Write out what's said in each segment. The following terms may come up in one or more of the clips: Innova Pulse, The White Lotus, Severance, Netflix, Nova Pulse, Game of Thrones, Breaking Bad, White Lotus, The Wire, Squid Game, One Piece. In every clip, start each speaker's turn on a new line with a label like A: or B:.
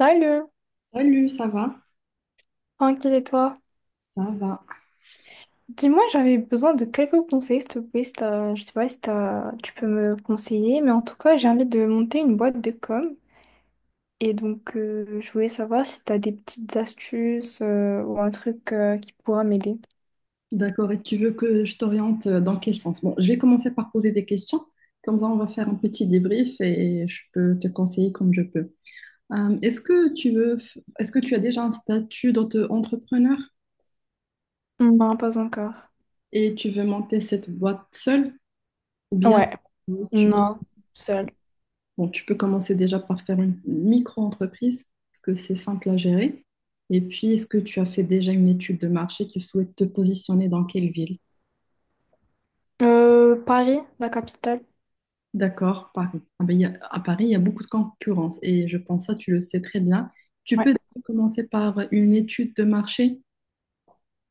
A: Salut,
B: Salut, ça va?
A: tranquille et toi?
B: Ça va.
A: Dis-moi, j'avais besoin de quelques conseils, s'il te plaît. Si t'as- Tu peux me conseiller, mais en tout cas, j'ai envie de monter une boîte de com. Et donc, je voulais savoir si tu as des petites astuces ou un truc qui pourra m'aider.
B: D'accord, et tu veux que je t'oriente dans quel sens? Bon, je vais commencer par poser des questions, comme ça on va faire un petit débrief et je peux te conseiller comme je peux. Est-ce que tu veux, est-ce que tu as déjà un statut d'auto-entrepreneur
A: Non, pas encore.
B: et tu veux monter cette boîte seule ou bien
A: Ouais,
B: tu,
A: non, seul.
B: bon, tu peux commencer déjà par faire une micro-entreprise parce que c'est simple à gérer. Et puis, est-ce que tu as fait déjà une étude de marché? Tu souhaites te positionner dans quelle ville?
A: Paris, la capitale.
B: D'accord, Paris. Ah ben, à Paris, il y a beaucoup de concurrence et je pense ça, tu le sais très bien. Tu
A: Ouais,
B: peux commencer par une étude de marché.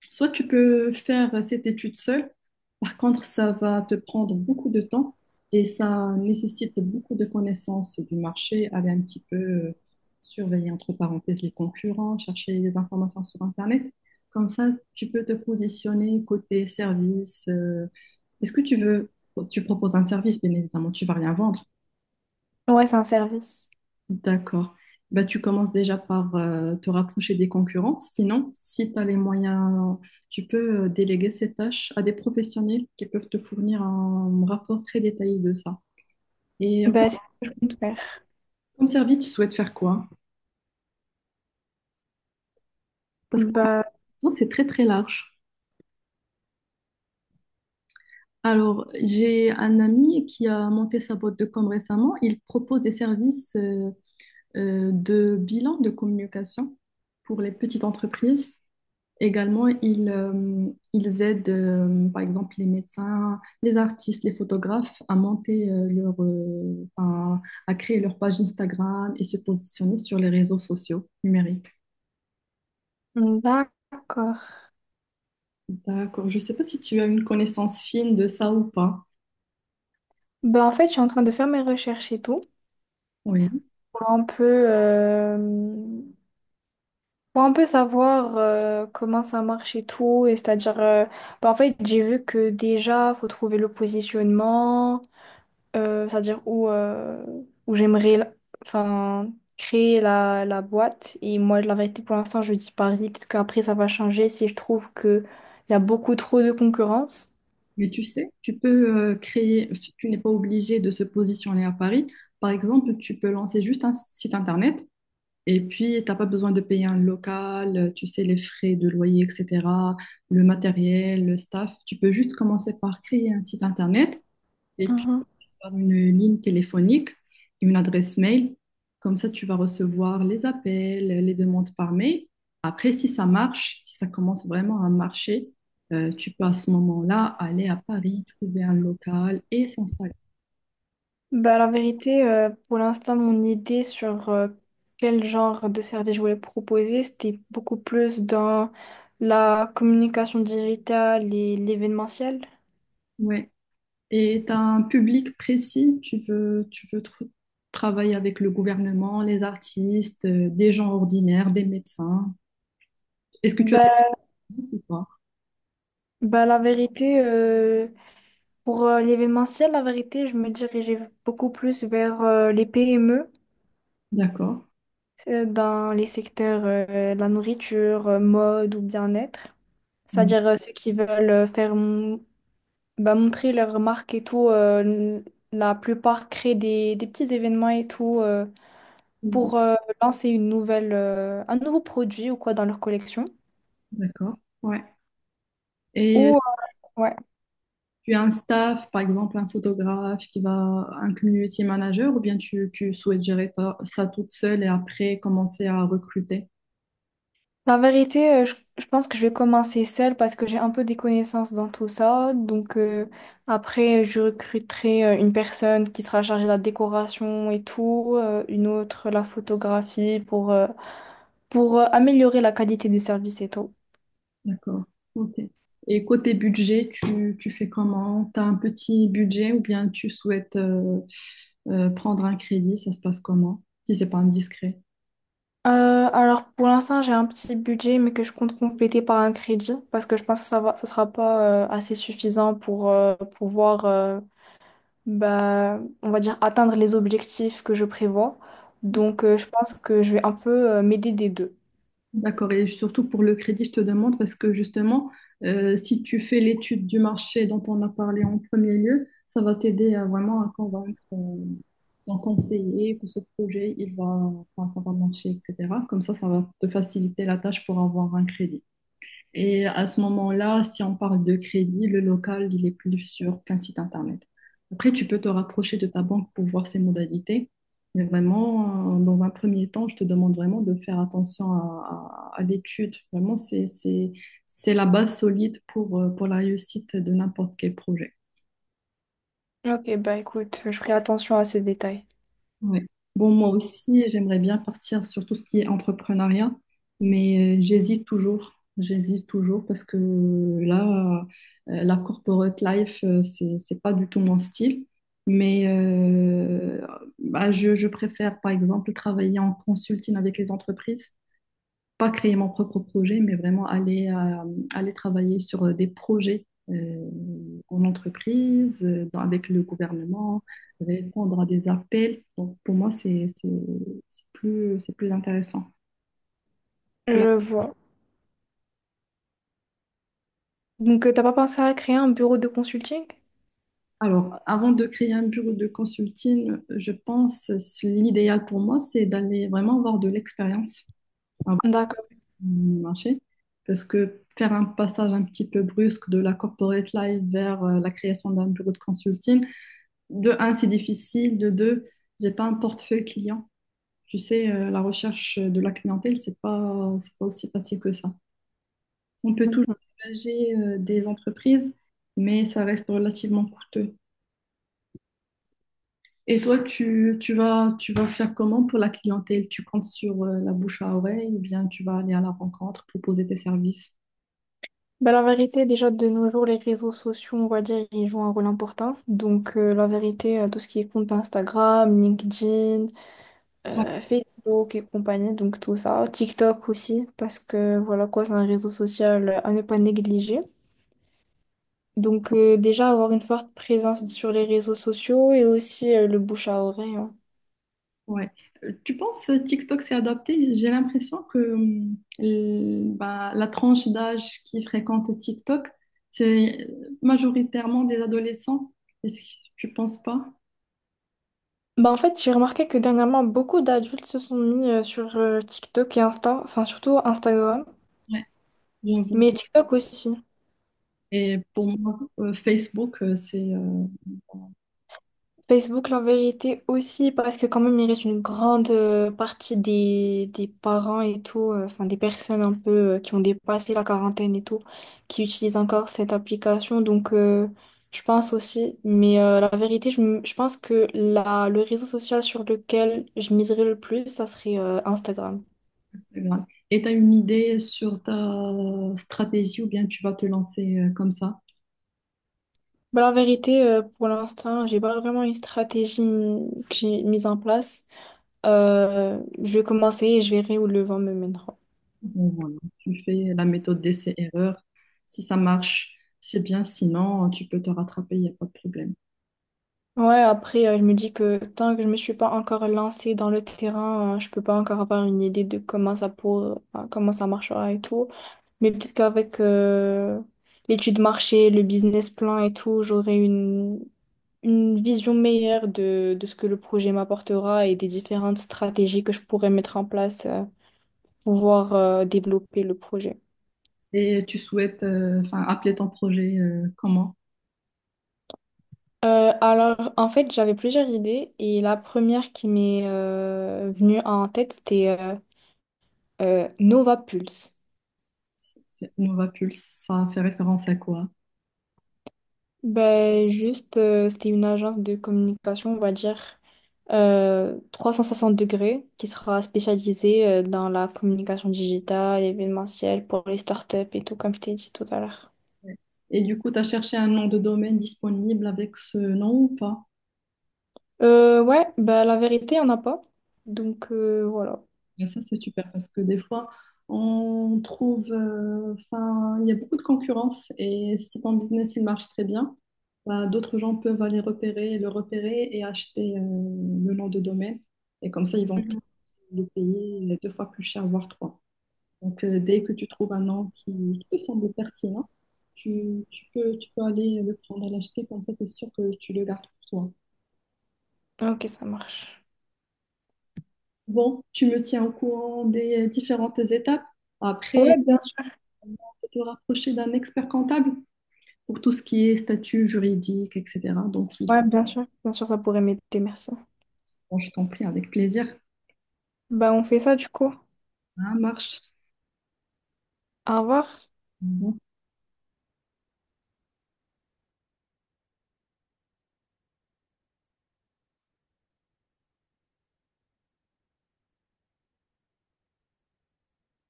B: Soit tu peux faire cette étude seule. Par contre, ça va te prendre beaucoup de temps et ça nécessite beaucoup de connaissances du marché. Aller un petit peu surveiller entre parenthèses les concurrents, chercher des informations sur Internet. Comme ça, tu peux te positionner côté service. Est-ce que tu veux, tu proposes un service, bien évidemment, tu vas rien vendre.
A: ouais, c'est un service.
B: D'accord. Bah, tu commences déjà par te rapprocher des concurrents. Sinon, si tu as les moyens, tu peux déléguer ces tâches à des professionnels qui peuvent te fournir un rapport très détaillé de ça. Et comme,
A: Bah, c'est tout faire.
B: comme service, tu souhaites faire quoi? Parce qu'en même
A: Bah,
B: temps, c'est très très large. Alors, j'ai un ami qui a monté sa boîte de com récemment. Il propose des services de bilan de communication pour les petites entreprises. Également, ils, ils aident, par exemple, les médecins, les artistes, les photographes à monter leur, à créer leur page Instagram et se positionner sur les réseaux sociaux numériques.
A: d'accord.
B: D'accord. Je ne sais pas si tu as une connaissance fine de ça ou pas.
A: Bah, en fait, je suis en train de faire mes recherches et tout.
B: Oui,
A: Pour un peu bon, on peut savoir comment ça marche et tout. Et c'est-à-dire, bah, en fait, j'ai vu que déjà, faut trouver le positionnement, c'est-à-dire où, où j'aimerais la- enfin, créer la boîte. Et moi, la vérité, pour l'instant, je dis Paris. Peut-être qu'après, ça va changer si je trouve qu'il y a beaucoup trop de concurrence.
B: mais tu sais, tu peux créer, tu n'es pas obligé de se positionner à Paris. Par exemple, tu peux lancer juste un site internet. Et puis, t'as pas besoin de payer un local, tu sais, les frais de loyer, etc., le matériel, le staff. Tu peux juste commencer par créer un site internet et puis avoir une ligne téléphonique, une adresse mail. Comme ça, tu vas recevoir les appels, les demandes par mail. Après, si ça marche, si ça commence vraiment à marcher, tu peux à ce moment-là aller à Paris, trouver un local et s'installer.
A: Bah, la vérité, pour l'instant, mon idée sur quel genre de service je voulais proposer, c'était beaucoup plus dans la communication digitale et l'événementiel.
B: Ouais. Et tu as un public précis, tu veux, tu veux travailler avec le gouvernement, les artistes, des gens ordinaires, des médecins. Est-ce que tu as
A: Bah,
B: des idées ou pas?
A: bah, la vérité, pour l'événementiel, la vérité, je me dirigeais beaucoup plus vers les PME
B: D'accord.
A: dans les secteurs de la nourriture, mode ou bien-être.
B: Ouais.
A: C'est-à-dire ceux qui veulent faire bah, montrer leurs marques et tout. La plupart créent des petits événements et tout pour un nouveau produit ou quoi dans leur collection.
B: D'accord. Ouais. Et
A: Ou, ouais.
B: tu as un staff, par exemple un photographe qui va, un community manager, ou bien tu, tu souhaites gérer ça toute seule et après commencer à recruter?
A: La vérité, je pense que je vais commencer seule parce que j'ai un peu des connaissances dans tout ça. Donc après, je recruterai une personne qui sera chargée de la décoration et tout, une autre la photographie pour améliorer la qualité des services et tout.
B: D'accord. Ok. Et côté budget, tu fais comment? Tu as un petit budget ou bien tu souhaites prendre un crédit? Ça se passe comment? Si c'est pas indiscret.
A: Euh, alors pour l'instant j'ai un petit budget mais que je compte compléter par un crédit parce que je pense que ça sera pas assez suffisant pour pouvoir bah, on va dire atteindre les objectifs que je prévois. Donc je pense que je vais un peu m'aider des deux.
B: D'accord. Et surtout pour le crédit, je te demande parce que justement, si tu fais l'étude du marché dont on a parlé en premier lieu, ça va t'aider à vraiment à convaincre ton conseiller que ce projet, il va, enfin, ça va marcher, etc. Comme ça va te faciliter la tâche pour avoir un crédit. Et à ce moment-là, si on parle de crédit, le local, il est plus sur qu'un site internet. Après, tu peux te rapprocher de ta banque pour voir ses modalités. Mais vraiment, dans un premier temps, je te demande vraiment de faire attention à l'étude. Vraiment, c'est la base solide pour la réussite de n'importe quel projet.
A: Ok bah écoute, je ferai attention à ce détail.
B: Ouais. Bon, moi aussi, j'aimerais bien partir sur tout ce qui est entrepreneuriat, mais j'hésite toujours. J'hésite toujours parce que là, la corporate life, c'est pas du tout mon style. Mais bah, je préfère, par exemple, travailler en consulting avec les entreprises pas créer mon propre projet, mais vraiment aller, aller travailler sur des projets en entreprise, avec le gouvernement, répondre à des appels. Donc, pour moi, c'est plus intéressant. Voilà.
A: Je vois. Donc, t'as pas pensé à créer un bureau de consulting?
B: Alors, avant de créer un bureau de consulting, je pense l'idéal pour moi, c'est d'aller vraiment avoir de l'expérience avant
A: D'accord.
B: de marché. Parce que faire un passage un petit peu brusque de la corporate life vers la création d'un bureau de consulting, de un, c'est difficile. De deux, j'ai pas un portefeuille client. Tu sais, la recherche de la clientèle, c'est pas aussi facile que ça. On peut toujours
A: Mhm.
B: engager des entreprises, mais ça reste relativement coûteux. Et toi, tu, tu vas faire comment pour la clientèle? Tu comptes sur la bouche à oreille ou bien tu vas aller à la rencontre, proposer tes services?
A: Bah, la vérité, déjà de nos jours, les réseaux sociaux, on va dire, ils jouent un rôle important. Donc, la vérité, tout ce qui est compte Instagram, LinkedIn, Facebook et compagnie, donc tout ça. TikTok aussi, parce que voilà quoi, c'est un réseau social à ne pas négliger. Donc, déjà avoir une forte présence sur les réseaux sociaux et aussi le bouche à oreille, hein.
B: Ouais. Tu penses TikTok s'est adapté? J'ai l'impression que bah, la tranche d'âge qui fréquente TikTok, c'est majoritairement des adolescents. Est-ce que tu penses pas?
A: Bah en fait, j'ai remarqué que dernièrement, beaucoup d'adultes se sont mis sur TikTok et Insta, enfin surtout Instagram,
B: Ouais, j'avoue.
A: mais TikTok aussi.
B: Et pour moi, Facebook, c'est
A: Facebook, la vérité aussi, parce que quand même, il reste une grande partie des parents et tout, enfin des personnes un peu qui ont dépassé la quarantaine et tout, qui utilisent encore cette application. Donc, je pense aussi, mais la vérité, je pense que le réseau social sur lequel je miserais le plus, ça serait Instagram.
B: Instagram. Et tu as une idée sur ta stratégie ou bien tu vas te lancer comme ça?
A: Bah, la vérité, pour l'instant, j'ai pas vraiment une stratégie que j'ai mise en place. Je vais commencer et je verrai où le vent me mènera.
B: Bon, voilà. Tu fais la méthode d'essai-erreur. Si ça marche, c'est bien. Sinon, tu peux te rattraper, il n'y a pas de problème.
A: Ouais, après, je me dis que tant que je me suis pas encore lancée dans le terrain, je peux pas encore avoir une idée de comment ça marchera et tout. Mais peut-être qu'avec l'étude marché, le business plan et tout, une vision meilleure de ce que le projet m'apportera et des différentes stratégies que je pourrais mettre en place, pouvoir développer le projet.
B: Et tu souhaites enfin, appeler ton projet comment?
A: Alors, en fait, j'avais plusieurs idées et la première qui m'est venue en tête, c'était Nova Pulse.
B: C'est Innova Pulse, ça fait référence à quoi?
A: Ben, juste, c'était une agence de communication, on va dire, 360 degrés, qui sera spécialisée dans la communication digitale, événementielle, pour les startups et tout, comme je t'ai dit tout à l'heure.
B: Ouais. Et du coup, tu as cherché un nom de domaine disponible avec ce nom ou pas?
A: Ouais, ben, la vérité, il n'y en a pas. Donc, voilà.
B: Et ça, c'est super parce que des fois, on trouve, enfin, il y a beaucoup de concurrence et si ton business il marche très bien, bah, d'autres gens peuvent aller repérer, le repérer et acheter le nom de domaine. Et comme ça, ils vont
A: Mhm.
B: le payer deux fois plus cher, voire trois. Donc, dès que tu trouves un nom qui te semble pertinent, tu, tu peux aller le prendre à l'acheter, comme ça, tu es sûr que tu le gardes pour toi.
A: Ok, ça marche.
B: Bon, tu me tiens au courant des différentes étapes.
A: Ouais,
B: Après,
A: bien sûr.
B: on peut te rapprocher d'un expert comptable pour tout ce qui est statut juridique, etc. Donc,
A: Ouais, bien sûr. Bien sûr, ça pourrait m'aider, merci.
B: bon, je t'en prie avec plaisir.
A: Bah, on fait ça du coup.
B: Ça marche.
A: Au revoir.